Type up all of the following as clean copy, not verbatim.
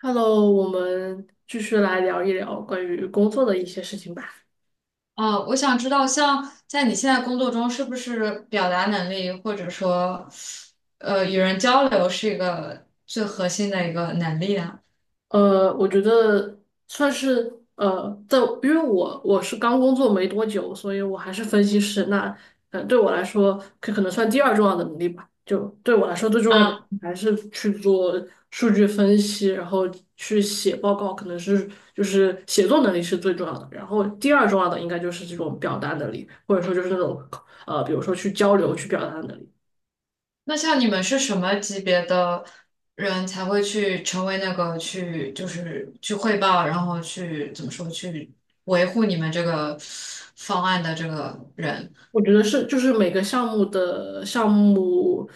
Hello，我们继续来聊一聊关于工作的一些事情吧。哦，我想知道，像在你现在工作中，是不是表达能力或者说，与人交流是一个最核心的一个能力呢？我觉得算是在因为我是刚工作没多久，所以我还是分析师。那对我来说，这可能算第二重要的能力吧。就对我来说，最重要的嗯。还是去做数据分析，然后去写报告，可能是就是写作能力是最重要的。然后第二重要的应该就是这种表达能力，或者说就是那种比如说去交流、去表达的能力。那像你们是什么级别的人才会去成为那个去就是去汇报，然后去怎么说去维护你们这个方案的这个人？我觉得是，就是每个项目的项目，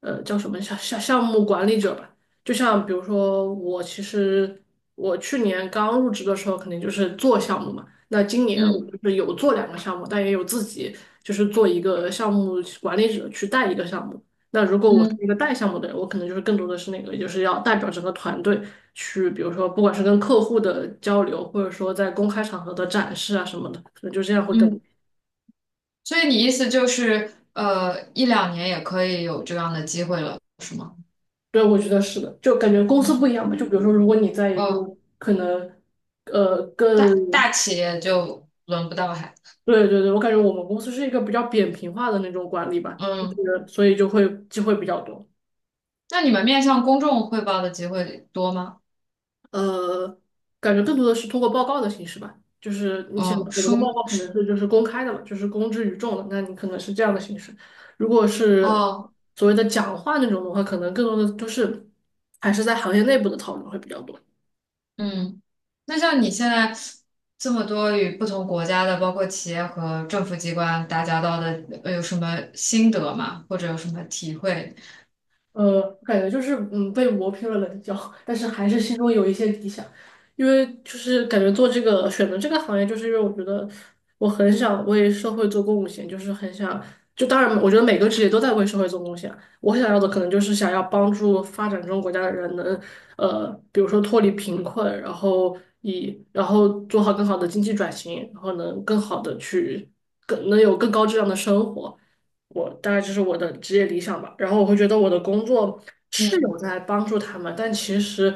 叫什么项目管理者吧。就像比如说，我其实我去年刚入职的时候，肯定就是做项目嘛。那今年我就嗯是有做两个项目，但也有自己就是做一个项目管理者去带一个项目。那如果我是嗯一个带项目的人，我可能就是更多的是那个，就是要代表整个团队去，比如说不管是跟客户的交流，或者说在公开场合的展示啊什么的，可能就这样会更多。嗯。所以你意思就是，一两年也可以有这样的机会了，是吗？对，我觉得是的，就感觉公司不一样吧。就比如说，如果你在一个哦，可能，呃，更，大企业就轮不到还。对对对，我感觉我们公司是一个比较扁平化的那种管理吧，就嗯。是所以就会机会比较多。那你们面向公众汇报的机会多吗？呃，感觉更多的是通过报告的形式吧，就是你想哦，我们的报书。告可能是就是公开的嘛，就是公之于众的，那你可能是这样的形式。如果是哦。所谓的讲话那种的话，可能更多的就是还是在行业内部的讨论会比较多。嗯。那像你现在这么多与不同国家的，包括企业和政府机关打交道的，有什么心得吗？或者有什么体会？感觉就是被磨平了棱角，但是还是心中有一些理想，因为就是感觉做这个选择这个行业，就是因为我觉得我很想为社会做贡献，就是很想就当然我觉得每个职业都在为社会做贡献啊，我想要的可能就是想要帮助发展中国家的人能比如说脱离贫困，然后以然后做好更好的经济转型，然后能更好的去更能有更高质量的生活。我大概就是我的职业理想吧。然后我会觉得我的工作是有嗯在帮助他们，但其实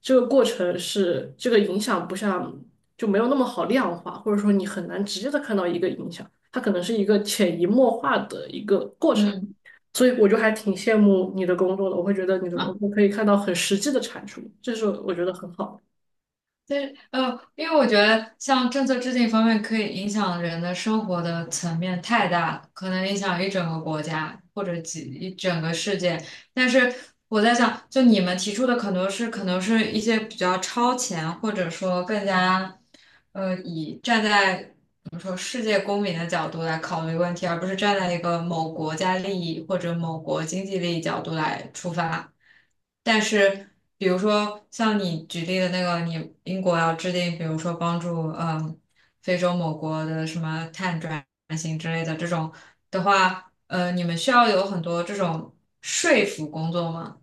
这个过程是这个影响不像就没有那么好量化，或者说你很难直接的看到一个影响，它可能是一个潜移默化的一个过程。嗯。所以我就还挺羡慕你的工作的，我会觉得你的工啊。作可以看到很实际的产出，这是我觉得很好。对，因为我觉得像政策制定方面，可以影响人的生活的层面太大了，可能影响一整个国家或者一整个世界。但是我在想，就你们提出的可能是，可能是一些比较超前，或者说更加，以站在我们说世界公民的角度来考虑问题，而不是站在一个某国家利益或者某国经济利益角度来出发。但是，比如说像你举例的那个，你英国要制定，比如说帮助非洲某国的什么碳转型之类的这种的话，你们需要有很多这种说服工作吗？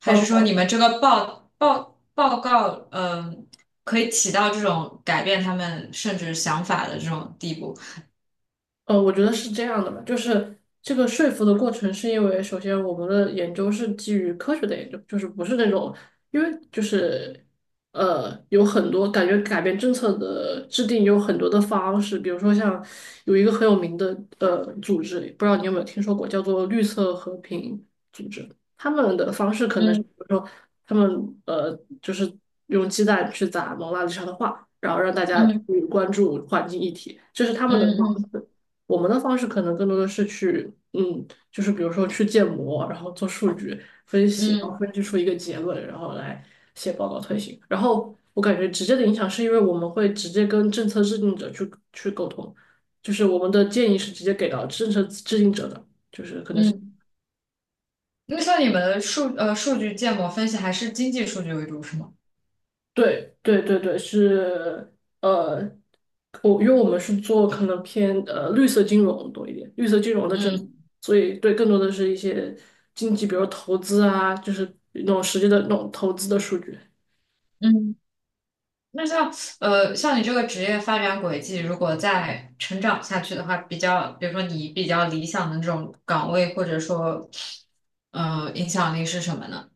还嗯。是说你们这个报告，嗯，可以起到这种改变他们甚至想法的这种地步？我觉得是这样的吧，就是这个说服的过程，是因为首先我们的研究是基于科学的研究，就是不是那种，因为就是有很多感觉改变政策的制定有很多的方式，比如说像有一个很有名的组织，不知道你有没有听说过，叫做绿色和平组织，他们的方式可能是嗯比如说他们呃就是用鸡蛋去砸蒙娜丽莎的画，然后让大家去嗯关注环境议题，这是他们的嗯方嗯式。我们的方式可能更多的是去，嗯，就是比如说去建模，然后做数据分析，然后嗯分析出一个结论，然后来写报告推行。然后我感觉直接的影响是因为我们会直接跟政策制定者去沟通，就是我们的建议是直接给到政策制定者的，就是可能是。嗯。那像你们的数据建模分析还是经济数据为主，是吗？对对对对，是呃，我因为我们是做可能偏绿色金融多一点，绿色金融的政策，嗯所以对更多的是一些经济，比如投资啊，就是那种实际的那种投资的数据。嗯。那像你这个职业发展轨迹，如果再成长下去的话，比较比如说你比较理想的这种岗位，或者说影响力是什么呢？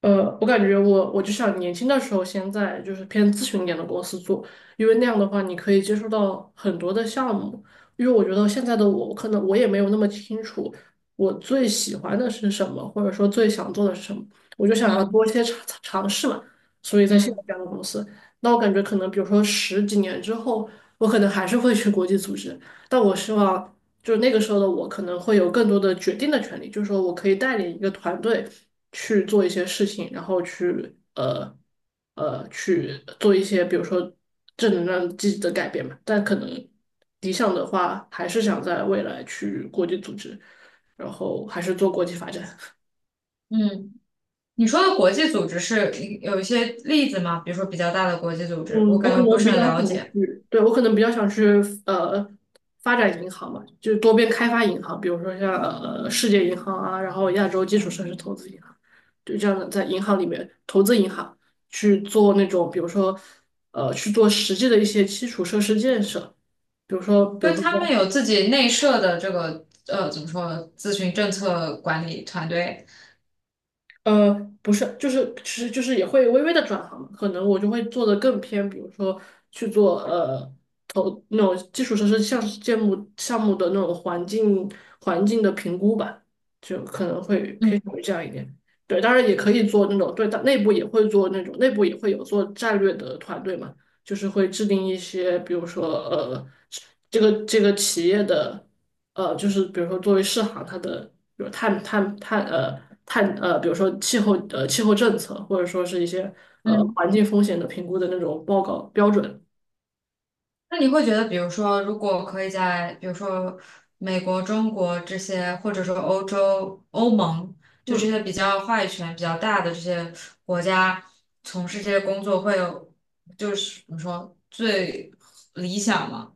我感觉我就想年轻的时候先在就是偏咨询一点的公司做，因为那样的话你可以接触到很多的项目。因为我觉得现在的我，可能我也没有那么清楚我最喜欢的是什么，或者说最想做的是什么，我就想要多嗯一些尝试嘛。所以在现在嗯这样的公司，那我感觉可能比如说十几年之后，我可能还是会去国际组织，但我希望就是那个时候的我可能会有更多的决定的权利，就是说我可以带领一个团队去做一些事情，然后去去做一些比如说正能量积极的改变嘛。但可能理想的话，还是想在未来去国际组织，然后还是做国际发展。嗯。你说的国际组织是有一些例子吗？比如说比较大的国际组织，我嗯，我感可觉不能是比很较想了解，去，对，我可能比较想去呃发展银行嘛，就多边开发银行，比如说像世界银行啊，然后亚洲基础设施投资银行，就这样的在银行里面投资银行去做那种，比如说去做实际的一些基础设施建设，比如说比如就说他们有自己内设的这个怎么说咨询政策管理团队。呃，不是，就是其实就是也会微微的转行嘛，可能我就会做的更偏，比如说去做投那种基础设施项目的那种环境的评估吧，就可能会嗯偏向于这样一点。对，当然也可以做那种，对，但内部也会做那种，内部也会有做战略的团队嘛，就是会制定一些，比如说这个企业的。就是比如说作为世行，它的比如碳，比如说气候政策，或者说是一些嗯。环境风险的评估的那种报告标准。那你会觉得，比如说，如果可以在比如说美国、中国这些，或者说欧洲、欧盟，就这嗯。些比较话语权比较大的这些国家从事这些工作，会有就是怎么说最理想吗？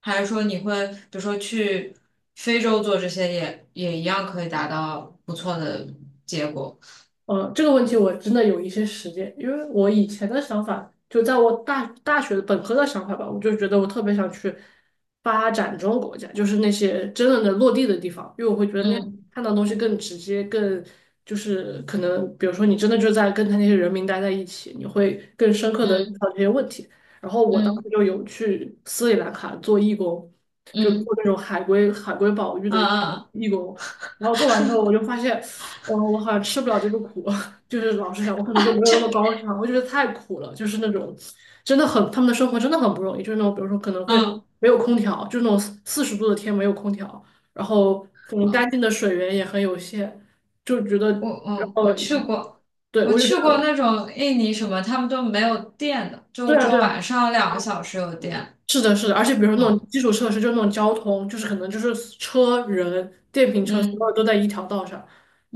还是说你会比如说去非洲做这些也一样可以达到不错的结果？这个问题我真的有一些实践，因为我以前的想法，就在我大学本科的想法吧，我就觉得我特别想去发展中国家，就是那些真正的落地的地方，因为我会觉得那样嗯看到东西更直接，更就是可能，比如说你真的就在跟他那些人民待在一起，你会更深刻的遇嗯到这些问题。然后我当时嗯就有去斯里兰卡做义工，就是嗯做那种海龟保育嗯的嗯义工。然后做完之后，我就发现，哦，我好像吃不了这个苦，就是老实讲，我可能就没有那么高尚，我觉得太苦了，就是那种真的很他们的生活真的很不容易，就是那种比如说可能会嗯没有空调，就是那种四十度的天没有空调，然后可能干嗯。净的水源也很有限，就觉得，我然嗯我后去过，对我我就觉去过得。那种印尼什么，他们都没有电的，对就啊，只有对啊，晚上2个小时有电。是的，是的，而且比如说那种嗯基础设施，就那种交通，就是可能就是车、人、电瓶车，所有嗯都在一条道上，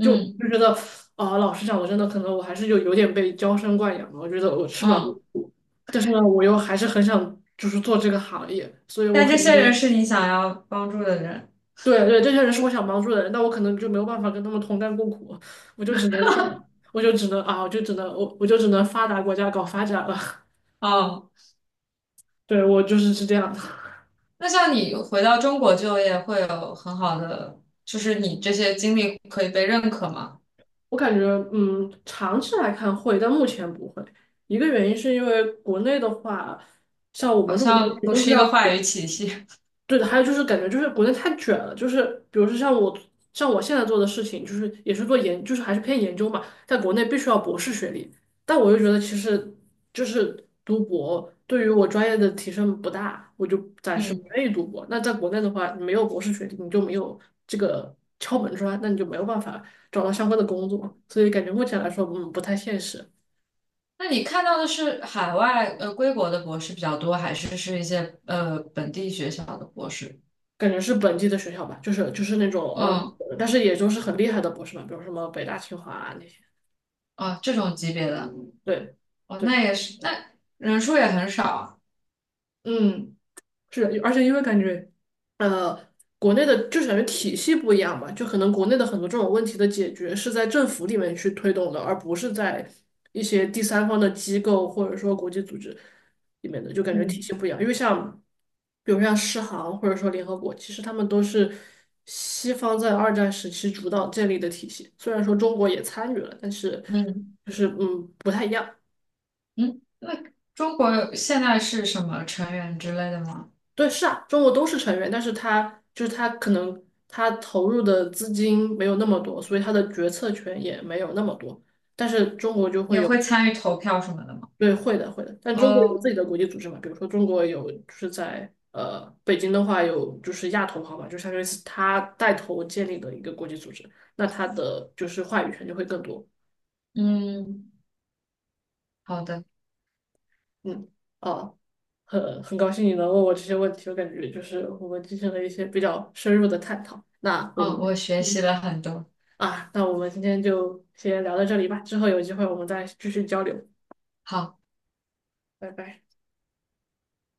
就就觉得啊、老实讲，我真的可能我还是有点被娇生惯养了，我觉得我吃不了这个嗯。苦，但是呢，我又还是很想就是做这个行业，所以我但可这能些就人是你想要帮助的人。对对，这些人是我想帮助的人，但我可能就没有办法跟他们同甘共苦，我就只能放我就只能啊，我就只能我我就只能发达国家搞发展了，哦。对，我就是是这样的。那像你回到中国就业会有很好的，就是你这些经历可以被认可吗？我感觉，嗯，长期来看会，但目前不会。一个原因是因为国内的话，像我好们这种东像西不都是是一要个话语体系。对的，还有就是感觉就是国内太卷了，就是比如说像我现在做的事情，就是也是做研，就是还是偏研究嘛，在国内必须要博士学历，但我又觉得其实就是读博对于我专业的提升不大，我就暂时不嗯。愿意读博。那在国内的话，你没有博士学历，你就没有这个敲门砖，那你就没有办法找到相关的工作，所以感觉目前来说，嗯，不太现实。那你看到的是海外归国的博士比较多，还是一些本地学校的博士？感觉是本地的学校吧，就是那种嗯。但是也就是很厉害的博士嘛，比如什么北大、清华啊那些。啊，这种级别的。对，哦，对，那也是。那人数也很少啊。嗯，是的，而且因为感觉，呃，国内的就是感觉体系不一样吧，就可能国内的很多这种问题的解决是在政府里面去推动的，而不是在一些第三方的机构或者说国际组织里面的，就感觉体嗯系不一样。因为像，比如像世行或者说联合国，其实他们都是西方在二战时期主导建立的体系，虽然说中国也参与了，但是嗯就是不太一样。嗯。那中国现在是什么成员之类的吗？对，是啊，中国都是成员，但是他就是他可能他投入的资金没有那么多，所以他的决策权也没有那么多。但是中国就会也有，会参与投票什么的吗？对，会的，会的。但中国有自哦。己的国际组织嘛，比如说中国有就是在北京的话有就是亚投行嘛，就相当于是他带头建立的一个国际组织，那他的就是话语权就会更多。嗯。好的。嗯，哦，很高兴你能问我这些问题，我感觉就是我们进行了一些比较深入的探讨。那我哦，我们。学习了很多。啊，那我们今天就先聊到这里吧，之后有机会我们再继续交流，好。拜拜。